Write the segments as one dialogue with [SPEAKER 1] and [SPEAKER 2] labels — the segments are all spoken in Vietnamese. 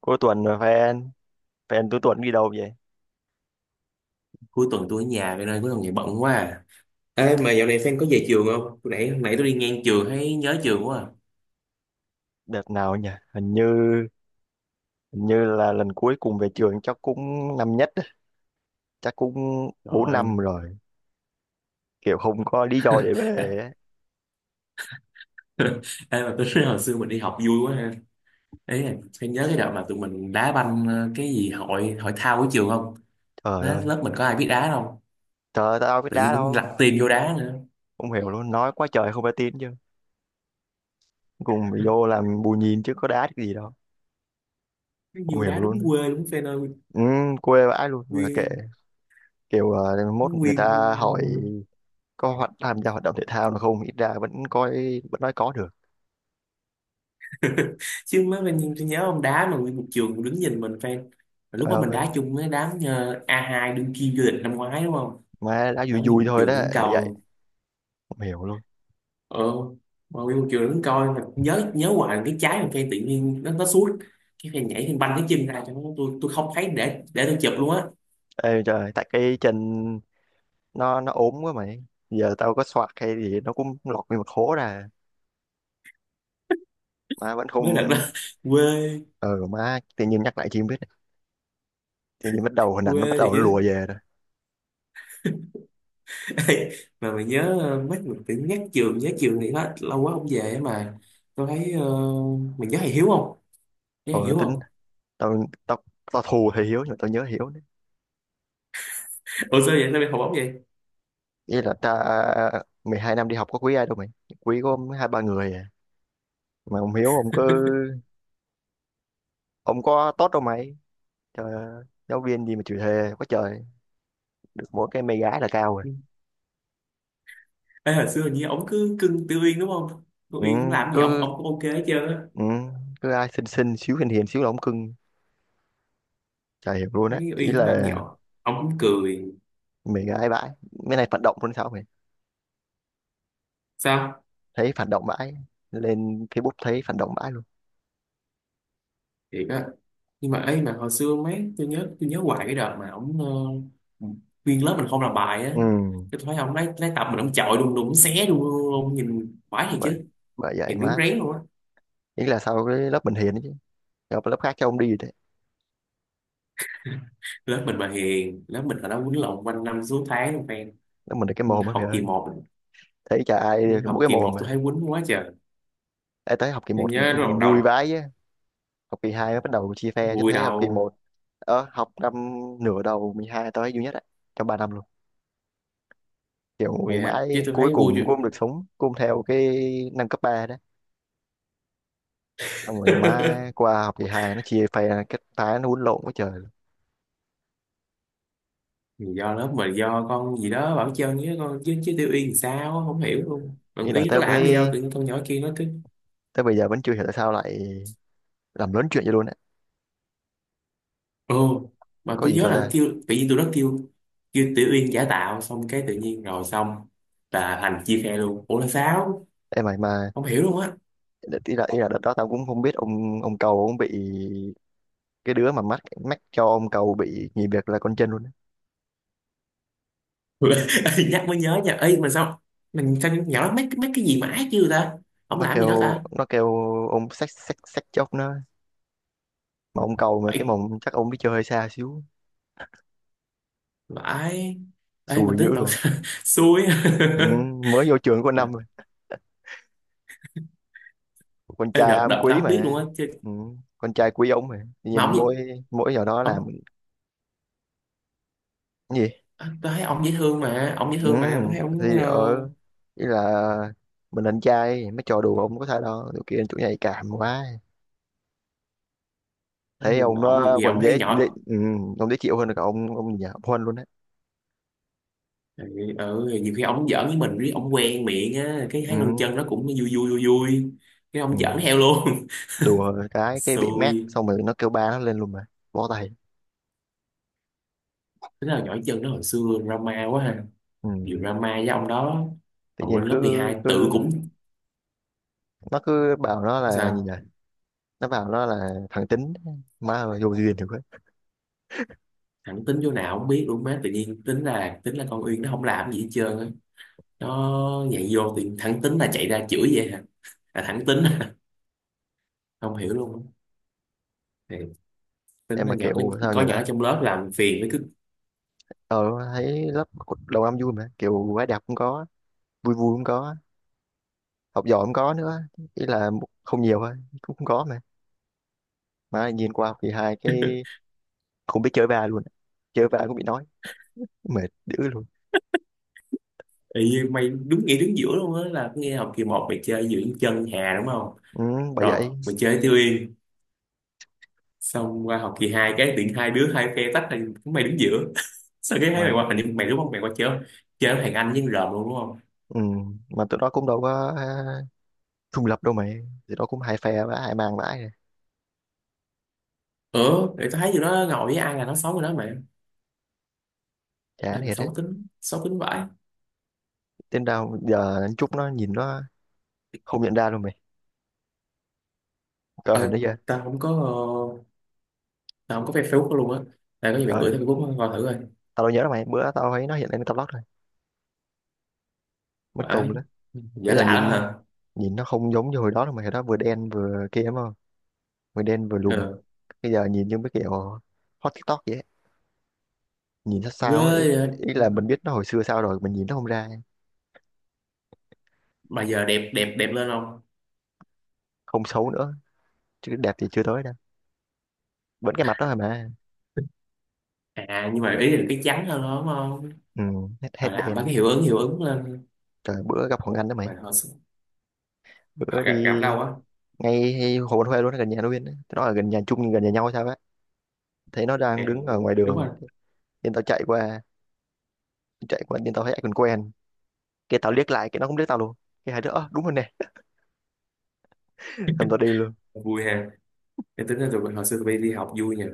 [SPEAKER 1] Cuối tuần rồi phải anh? Phải cuối tuần đi đâu vậy?
[SPEAKER 2] Cuối tuần tôi ở nhà vậy nên cuối tuần này bận quá à. Ê, mà dạo này Phan có về trường không? Hồi nãy, tôi đi ngang trường thấy nhớ trường quá à.
[SPEAKER 1] Đợt nào nhỉ? Hình như là lần cuối cùng về trường chắc cũng năm nhất á. Chắc cũng 4 năm
[SPEAKER 2] Rồi.
[SPEAKER 1] rồi. Kiểu không có lý do để
[SPEAKER 2] Ê,
[SPEAKER 1] về á.
[SPEAKER 2] ê mà tôi nói hồi xưa mình đi học vui quá ha. Ấy là Phan nhớ cái đợt mà tụi mình đá banh cái gì hội hội thao của trường không?
[SPEAKER 1] Trời
[SPEAKER 2] Đó,
[SPEAKER 1] ơi,
[SPEAKER 2] lớp mình có ai biết đá đâu.
[SPEAKER 1] trời ơi, tao biết
[SPEAKER 2] Tự
[SPEAKER 1] đá
[SPEAKER 2] nhiên cũng lặt
[SPEAKER 1] đâu.
[SPEAKER 2] tiền vô đá nữa.
[SPEAKER 1] Không hiểu luôn, nói quá trời không phải tin chứ. Cùng bị vô làm bù nhìn chứ có đá cái gì đâu.
[SPEAKER 2] Cái
[SPEAKER 1] Không
[SPEAKER 2] Vô
[SPEAKER 1] hiểu
[SPEAKER 2] đá
[SPEAKER 1] luôn.
[SPEAKER 2] đúng quê đúng Phan ơi.
[SPEAKER 1] Ừ, quê vãi luôn mà kệ,
[SPEAKER 2] Nguyên,
[SPEAKER 1] kiểu mốt người
[SPEAKER 2] nguyên.
[SPEAKER 1] ta hỏi có hoạt tham gia hoạt động thể thao nào không, ít ra vẫn coi vẫn nói có được.
[SPEAKER 2] Chứ mới mình tôi nhớ ông đá mà nguyên một trường đứng nhìn mình Phan. Lúc
[SPEAKER 1] Trời
[SPEAKER 2] đó mình
[SPEAKER 1] ơi,
[SPEAKER 2] đá chung với đám A2 đương kim vô địch năm ngoái đúng không?
[SPEAKER 1] mà đá vui
[SPEAKER 2] Nắm đi
[SPEAKER 1] vui
[SPEAKER 2] một
[SPEAKER 1] thôi đó
[SPEAKER 2] trường đứng
[SPEAKER 1] mà
[SPEAKER 2] coi.
[SPEAKER 1] vậy. Không hiểu luôn.
[SPEAKER 2] Ờ mà đi một trường đứng coi mà nhớ nhớ hoài cái trái mà phen tự nhiên nó suốt cái phen nhảy phen banh cái chân ra cho nó, tôi không thấy để tôi chụp luôn á.
[SPEAKER 1] Ê trời, tại cái chân nó ốm quá mày. Giờ tao có xoạc hay gì nó cũng lọt nguyên một hố ra. Má vẫn
[SPEAKER 2] Mới đợt đó.
[SPEAKER 1] không...
[SPEAKER 2] Quê.
[SPEAKER 1] Ừ má, tự nhiên nhắc lại chi không biết. Tự nhiên bắt đầu hình ảnh nó bắt
[SPEAKER 2] Quê thì
[SPEAKER 1] đầu nó lùa
[SPEAKER 2] chứ.
[SPEAKER 1] về rồi.
[SPEAKER 2] Ê, mà mày nhớ mấy mình tự nhắc trường nhớ trường thì hết lâu quá không về á. Mà tôi thấy mình nhớ thầy Hiếu không nhớ thầy
[SPEAKER 1] Thôi
[SPEAKER 2] Hiếu
[SPEAKER 1] tính,
[SPEAKER 2] không
[SPEAKER 1] tao, tao, tao thù thì Hiếu nhưng mà tao nhớ Hiếu nữa.
[SPEAKER 2] Ủa sao vậy, sao mày học ổng vậy?
[SPEAKER 1] Ý là ta 12 năm đi học có quý ai đâu mày. Quý có hai ba người à. Mà ông Hiếu ông cứ... Ông có tốt đâu mày. Trời ơi, giáo viên gì mà chịu thề quá trời. Được mỗi cái mê gái là cao rồi.
[SPEAKER 2] Ê, hồi xưa hình như ổng cứ cưng Tiêu Uyên đúng không? Tiêu
[SPEAKER 1] Ừ,
[SPEAKER 2] Uyên làm gì ổng
[SPEAKER 1] cứ...
[SPEAKER 2] ổng cũng ok hết trơn á.
[SPEAKER 1] Ừ, cứ ai xinh xinh xíu hiền hiền xíu là ông cưng, chả hiểu luôn á.
[SPEAKER 2] Thấy
[SPEAKER 1] Ý
[SPEAKER 2] Uyên làm gì
[SPEAKER 1] là
[SPEAKER 2] ổng ổng cũng cười.
[SPEAKER 1] mình ai bãi, mấy này phản động luôn sao mày,
[SPEAKER 2] Sao,
[SPEAKER 1] thấy phản động bãi, lên Facebook thấy phản động bãi luôn.
[SPEAKER 2] thiệt á? Nhưng mà ấy, mà hồi xưa mấy tôi nhớ hoài cái đợt mà ổng, ờ, nguyên lớp mình không làm bài á,
[SPEAKER 1] Ừ,
[SPEAKER 2] cái tôi thấy ông lấy tập mình ông chọi đùng đùng, ông xé đùng đùng đùng, nhìn khoái thiệt
[SPEAKER 1] bởi
[SPEAKER 2] chứ.
[SPEAKER 1] bởi vậy
[SPEAKER 2] Nhìn đúng
[SPEAKER 1] mát.
[SPEAKER 2] rén luôn á.
[SPEAKER 1] Ý là sau cái lớp mình hiền ấy chứ, gặp lớp khác cho ông đi đấy.
[SPEAKER 2] Lớp mình mà hiền? Lớp mình hồi đó quýnh lộn quanh năm suốt tháng luôn fan.
[SPEAKER 1] Lớp mình là cái
[SPEAKER 2] Nhưng
[SPEAKER 1] mồm á mày
[SPEAKER 2] học kỳ
[SPEAKER 1] ơi,
[SPEAKER 2] một,
[SPEAKER 1] thấy chả ai mỗi
[SPEAKER 2] học
[SPEAKER 1] cái
[SPEAKER 2] kỳ
[SPEAKER 1] mồm
[SPEAKER 2] một
[SPEAKER 1] mà.
[SPEAKER 2] tôi thấy quýnh quá trời.
[SPEAKER 1] Ê, tới học kỳ
[SPEAKER 2] Tôi
[SPEAKER 1] một
[SPEAKER 2] nhớ lúc
[SPEAKER 1] vui vãi á. Học kỳ hai mới bắt đầu chia phe chứ thấy học kỳ
[SPEAKER 2] đầu
[SPEAKER 1] một học năm, nửa đầu 12 tới duy nhất á, trong ba năm luôn, kiểu
[SPEAKER 2] vui dạ, chứ
[SPEAKER 1] mãi
[SPEAKER 2] tôi
[SPEAKER 1] cuối
[SPEAKER 2] thấy
[SPEAKER 1] cùng
[SPEAKER 2] vui chứ.
[SPEAKER 1] cũng không được sống cũng theo cái năm cấp 3. Xong rồi má qua học kỳ hai nó chia phe ra, cái phái nó quýnh lộn quá trời.
[SPEAKER 2] Do lớp mình, do con gì đó bảo chân với con chứ chứ tiêu yên thì sao á, không hiểu luôn, bạn
[SPEAKER 1] Ý là
[SPEAKER 2] ý có
[SPEAKER 1] tới
[SPEAKER 2] làm gì đâu
[SPEAKER 1] bây
[SPEAKER 2] tự nhiên con nhỏ kia nó.
[SPEAKER 1] tới bây giờ vẫn chưa hiểu tại sao lại làm lớn chuyện vậy luôn á.
[SPEAKER 2] Ừ. Mà
[SPEAKER 1] Có
[SPEAKER 2] tôi
[SPEAKER 1] gì
[SPEAKER 2] nhớ
[SPEAKER 1] đâu
[SPEAKER 2] là
[SPEAKER 1] ta.
[SPEAKER 2] kêu tự nhiên tôi rất kêu kêu Tiểu Uyên giả tạo xong cái tự nhiên rồi xong là Thành chia khe luôn, ủa là sao?
[SPEAKER 1] Em mày mà.
[SPEAKER 2] Không hiểu luôn á.
[SPEAKER 1] Ý là đợt đó tao cũng không biết ông cầu ông bị, cái đứa mà mắc mắc cho ông cầu bị nghỉ việc là con chân luôn á.
[SPEAKER 2] Ê, nhắc mới nhớ nha, ấy mà sao mình sao nhỏ mấy mấy cái gì mà ác chứ ta? Không
[SPEAKER 1] nó
[SPEAKER 2] làm gì đó
[SPEAKER 1] kêu
[SPEAKER 2] ta?
[SPEAKER 1] nó kêu ông xách xách xách chốc nó, mà ông cầu mà cái
[SPEAKER 2] Vậy
[SPEAKER 1] mồm chắc ông đi chơi hơi xa xíu,
[SPEAKER 2] vãi. Ê mà
[SPEAKER 1] xùi dữ
[SPEAKER 2] tướng tận.
[SPEAKER 1] luôn.
[SPEAKER 2] Xui á.
[SPEAKER 1] Ừ, mới vô trường có năm
[SPEAKER 2] Mà
[SPEAKER 1] rồi, con
[SPEAKER 2] em
[SPEAKER 1] trai
[SPEAKER 2] đợt
[SPEAKER 1] am
[SPEAKER 2] đợt tao
[SPEAKER 1] quý
[SPEAKER 2] không biết luôn
[SPEAKER 1] mà.
[SPEAKER 2] á chứ.
[SPEAKER 1] Ừ, con trai quý ông mà
[SPEAKER 2] Mà
[SPEAKER 1] nhìn mỗi
[SPEAKER 2] ông
[SPEAKER 1] mỗi giờ đó làm.
[SPEAKER 2] ông
[SPEAKER 1] Cái gì?
[SPEAKER 2] tôi thấy ông dễ thương mà
[SPEAKER 1] Ừ,
[SPEAKER 2] tôi thấy ông
[SPEAKER 1] thì ở, ý là mình anh trai mấy trò đùa ông có thể đâu, tụi kia chủ nhạy cảm quá,
[SPEAKER 2] nói
[SPEAKER 1] thấy
[SPEAKER 2] chung
[SPEAKER 1] ông
[SPEAKER 2] là ông nhiều
[SPEAKER 1] nó
[SPEAKER 2] khi
[SPEAKER 1] còn
[SPEAKER 2] ông thấy
[SPEAKER 1] dễ.
[SPEAKER 2] nhỏ.
[SPEAKER 1] Ừ, ông dễ chịu hơn cả ông nhà ông Huân luôn đấy.
[SPEAKER 2] Ừ, ừ, nhiều khi ông giỡn với mình riết ông quen miệng á, cái thấy con
[SPEAKER 1] Ừ,
[SPEAKER 2] chân nó cũng vui vui vui vui, cái ông
[SPEAKER 1] ừ.
[SPEAKER 2] giỡn theo luôn.
[SPEAKER 1] Đùa cái bị mát
[SPEAKER 2] Xui.
[SPEAKER 1] xong rồi nó kêu ba nó lên luôn mà, bó tay.
[SPEAKER 2] Thế là nhỏ chân nó hồi xưa drama quá ha.
[SPEAKER 1] Ừ.
[SPEAKER 2] Nhiều drama với ông đó.
[SPEAKER 1] Tự
[SPEAKER 2] Còn
[SPEAKER 1] nhiên
[SPEAKER 2] lên lớp
[SPEAKER 1] cứ
[SPEAKER 2] 12
[SPEAKER 1] cứ
[SPEAKER 2] tự cũng
[SPEAKER 1] nó cứ bảo nó là gì nhỉ,
[SPEAKER 2] sao.
[SPEAKER 1] nó bảo nó là thằng tính. Má ơi vô duyên thì quá.
[SPEAKER 2] Thẳng tính chỗ nào không biết luôn, má tự nhiên tính là con Uyên nó không làm gì hết trơn á, nó nhảy vô thì thẳng tính là chạy ra chửi vậy hả? Là thẳng tính. Không hiểu luôn á. Thì tính
[SPEAKER 1] Em
[SPEAKER 2] là
[SPEAKER 1] mà
[SPEAKER 2] nhỏ có,
[SPEAKER 1] kiểu sao nhỉ
[SPEAKER 2] có nhỏ
[SPEAKER 1] ta.
[SPEAKER 2] trong lớp làm phiền với.
[SPEAKER 1] ờ Thấy lớp đầu năm vui mà, kiểu gái đẹp cũng có, vui vui cũng có, học giỏi không có nữa. Ý là không nhiều thôi cũng không có mà nhìn qua học kỳ hai cái không biết chơi va luôn, chơi va cũng bị nói, mệt dữ luôn.
[SPEAKER 2] Ý, mày đúng nghĩa đứng giữa luôn á, là nghe học kỳ một mày chơi giữa chân Hà đúng không?
[SPEAKER 1] Ừ, bởi
[SPEAKER 2] Rồi
[SPEAKER 1] vậy
[SPEAKER 2] mày chơi Tiêu Yên, xong qua học kỳ 2 cái tiện hai đứa hai phe tách, thành mày đứng giữa. Sao cái thấy mày qua
[SPEAKER 1] mà.
[SPEAKER 2] hình như mày, đúng không, mày qua chơi chơi với thằng Anh với con rợm luôn đúng không?
[SPEAKER 1] Ừ, mà tụi nó cũng đâu có à, trung lập đâu mày, tụi nó cũng hai phe và hai mang vãi rồi.
[SPEAKER 2] Ừ để tao thấy tụi nó ngồi với ai là nó xấu rồi đó mày.
[SPEAKER 1] Chán
[SPEAKER 2] Ai mà
[SPEAKER 1] thiệt đấy.
[SPEAKER 2] xấu tính, xấu tính vãi.
[SPEAKER 1] Đến đâu giờ chút nó nhìn nó không nhận ra luôn mày, coi
[SPEAKER 2] Ơi,
[SPEAKER 1] hình nó chưa?
[SPEAKER 2] tao không có ờ, tao không có Facebook đó luôn á. Tao có gì mày
[SPEAKER 1] Trời ơi,
[SPEAKER 2] gửi tao Facebook coi thử coi.
[SPEAKER 1] tao đâu nhớ đâu mày, bữa tao thấy nó hiện lên tao lót rồi, mất công
[SPEAKER 2] Vãi.
[SPEAKER 1] lắm. Ý
[SPEAKER 2] Giả
[SPEAKER 1] là
[SPEAKER 2] lạ lắm
[SPEAKER 1] nhìn,
[SPEAKER 2] hả?
[SPEAKER 1] nhìn nó không giống như hồi đó đâu mày, hồi đó vừa đen vừa kia mà, mới đen vừa lùn.
[SPEAKER 2] Ừ.
[SPEAKER 1] Bây giờ nhìn như mấy kiểu hot TikTok vậy ấy, nhìn sao
[SPEAKER 2] Ghê
[SPEAKER 1] sao ấy ý.
[SPEAKER 2] vậy.
[SPEAKER 1] Ý là mình biết nó hồi xưa sao rồi mình nhìn nó không ra.
[SPEAKER 2] Mà giờ đẹp đẹp đẹp lên không?
[SPEAKER 1] Không xấu nữa chứ đẹp thì chưa tới đâu, vẫn cái mặt đó thôi mà.
[SPEAKER 2] À nhưng mà ý là cái trắng hơn đó đúng không?
[SPEAKER 1] Ừ, hết hết
[SPEAKER 2] Rồi làm mấy
[SPEAKER 1] đen.
[SPEAKER 2] cái hiệu ứng lên.
[SPEAKER 1] Trời bữa gặp Hoàng Anh đó mày,
[SPEAKER 2] Mà họ
[SPEAKER 1] bữa
[SPEAKER 2] họ gặp gặp
[SPEAKER 1] đi
[SPEAKER 2] đâu á.
[SPEAKER 1] ngay Hồ Văn Huê luôn, gần nhà nó Nguyên ấy, nó là gần nhà chung nhưng gần nhà nhau hay sao á. Thấy nó
[SPEAKER 2] À,
[SPEAKER 1] đang đứng ở ngoài
[SPEAKER 2] đúng rồi.
[SPEAKER 1] đường nên tao chạy qua, chạy qua nên tao thấy ai còn quen, cái tao liếc lại cái nó cũng liếc tao luôn, cái hai đứa "Ơ, đúng rồi nè". Xong tao đi luôn.
[SPEAKER 2] Vui ha. Em tính ra tụi mình hồi xưa tụi bay đi học vui nhỉ.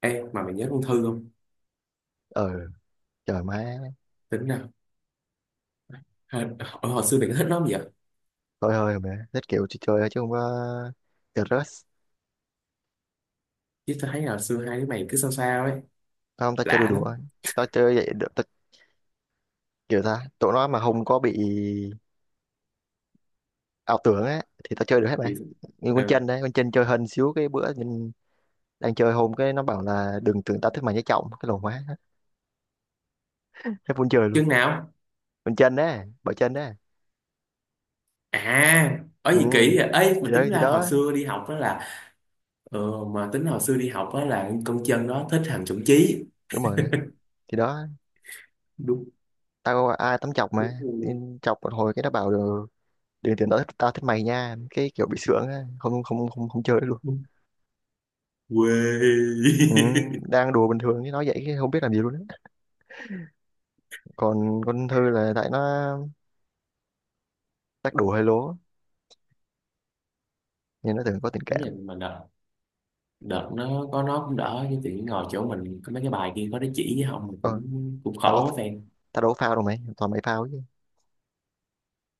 [SPEAKER 2] Ê mà mày nhớ con Thư không?
[SPEAKER 1] Ờ, trời má.
[SPEAKER 2] Tính nào. Hồi, hồi xưa mày có thích nó không vậy?
[SPEAKER 1] Thôi thôi mẹ thích kiểu chơi chơi thôi chứ không có được rush.
[SPEAKER 2] Chứ tao thấy là hồi xưa hai đứa mày cứ sao sao ấy.
[SPEAKER 1] Không, tao chơi đùa
[SPEAKER 2] Lạ lắm.
[SPEAKER 1] đùa, tao chơi vậy được. Tao kiểu ta tụi nó mà không có bị ảo tưởng á thì tao chơi được hết mày.
[SPEAKER 2] Vì,
[SPEAKER 1] Như con
[SPEAKER 2] ừ.
[SPEAKER 1] chân đấy, con chân chơi hên xíu cái bữa nhìn, đang chơi hôm cái nó bảo là đừng tưởng tao thích mày nhé, trọng cái lồn quá, hết muốn chơi luôn.
[SPEAKER 2] Chừng nào?
[SPEAKER 1] Con chân đấy, bởi chân đấy.
[SPEAKER 2] À ở
[SPEAKER 1] Ừ,
[SPEAKER 2] gì kỹ vậy? Ê
[SPEAKER 1] thì
[SPEAKER 2] mà
[SPEAKER 1] đó,
[SPEAKER 2] tính
[SPEAKER 1] thì
[SPEAKER 2] ra hồi
[SPEAKER 1] đó.
[SPEAKER 2] xưa đi học đó là, mà tính hồi xưa đi học đó là con chân đó thích thằng chuẩn Chí.
[SPEAKER 1] Đúng rồi, thì đó.
[SPEAKER 2] Đúng.
[SPEAKER 1] Tao có ai tắm chọc mà,
[SPEAKER 2] Đúng.
[SPEAKER 1] nên chọc một hồi cái nó bảo được, đừng tưởng tao thích, mày nha, cái kiểu bị sướng á, không không không không chơi được luôn.
[SPEAKER 2] Đúng.
[SPEAKER 1] Ừ,
[SPEAKER 2] Quê.
[SPEAKER 1] đang đùa bình thường chứ nói vậy chứ không biết làm gì luôn á. Còn con Thư là tại nó, chắc đùa hơi lố, nhưng nó thường có tình
[SPEAKER 2] Thế
[SPEAKER 1] cảm.
[SPEAKER 2] là mà đợt đợt nó có, nó cũng đỡ chứ tự nhiên ngồi chỗ mình có mấy cái bài kia có đứa chỉ với không, mình
[SPEAKER 1] Ờ,
[SPEAKER 2] cũng cũng
[SPEAKER 1] tao có,
[SPEAKER 2] khổ fan.
[SPEAKER 1] tao đâu có phao đâu mày, toàn mày phao chứ.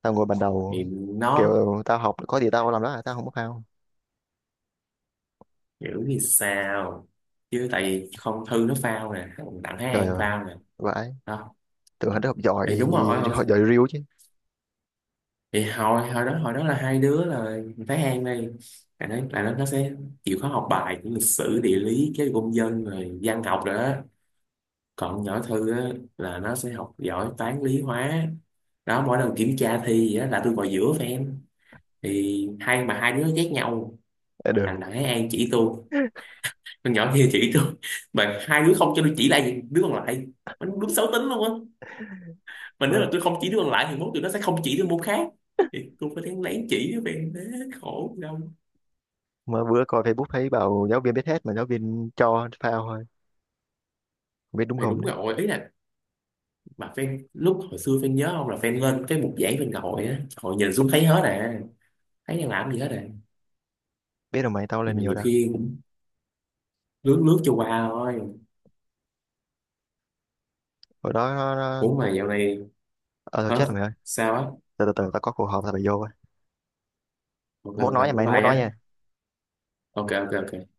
[SPEAKER 1] Tao ngồi bàn đầu,
[SPEAKER 2] Thì nó
[SPEAKER 1] kiểu tao học có gì tao làm đó à, tao không có phao.
[SPEAKER 2] hiểu như sao? Chứ tại vì không, thư nó phao nè, còn đặng Thái
[SPEAKER 1] Trời
[SPEAKER 2] An
[SPEAKER 1] ơi,
[SPEAKER 2] phao nè
[SPEAKER 1] vãi,
[SPEAKER 2] đó.
[SPEAKER 1] tưởng hắn học giỏi,
[SPEAKER 2] Thì đúng rồi,
[SPEAKER 1] học giỏi riu chứ.
[SPEAKER 2] thì hồi hồi đó là hai đứa là Thái An đây là nó, nó sẽ chịu khó học bài của lịch sử địa lý cái công dân rồi văn học rồi đó. Còn nhỏ Thư á, là nó sẽ học giỏi toán lý hóa đó. Mỗi lần kiểm tra thi gì á, là tôi ngồi giữa fan, thì hai đứa ghét nhau.
[SPEAKER 1] Đã
[SPEAKER 2] Thằng
[SPEAKER 1] đời.
[SPEAKER 2] Đại An chỉ tôi, con nhỏ kia chỉ tôi, mà hai đứa không cho tôi chỉ lại đứa còn lại, mình đúng xấu tính luôn á. Mà nếu
[SPEAKER 1] Ôi,
[SPEAKER 2] mà tôi không chỉ đứa còn lại thì mốt tụi nó sẽ không chỉ đứa môn khác, thì tôi phải đáng lén chỉ đứa fan thế. Khổ đâu.
[SPEAKER 1] mà bữa coi Facebook thấy bảo giáo viên biết hết mà giáo viên cho phao thôi, không biết đúng
[SPEAKER 2] Thì
[SPEAKER 1] không
[SPEAKER 2] đúng
[SPEAKER 1] đấy.
[SPEAKER 2] rồi, ý là mà fan lúc hồi xưa fan nhớ không, là fan lên cái mục giảng fan ngồi á, ngồi nhìn xuống thấy hết à. Thấy đang làm gì hết à.
[SPEAKER 1] Biết rồi mày, tao
[SPEAKER 2] Nhưng
[SPEAKER 1] lên
[SPEAKER 2] mà
[SPEAKER 1] nhiều
[SPEAKER 2] nhiều
[SPEAKER 1] đã.
[SPEAKER 2] khi lướt lướt cho qua thôi.
[SPEAKER 1] Hồi đó nó...
[SPEAKER 2] Ủa mà dạo này.
[SPEAKER 1] Ờ thôi
[SPEAKER 2] Hả?
[SPEAKER 1] chết rồi mày ơi.
[SPEAKER 2] Sao á?
[SPEAKER 1] Từ từ, từ tao có cuộc họp tao phải vô rồi.
[SPEAKER 2] Ok
[SPEAKER 1] Mốt
[SPEAKER 2] ok
[SPEAKER 1] nói nha
[SPEAKER 2] bye
[SPEAKER 1] mày,
[SPEAKER 2] bye
[SPEAKER 1] mốt
[SPEAKER 2] nhé.
[SPEAKER 1] nói nha.
[SPEAKER 2] Ok ok ok.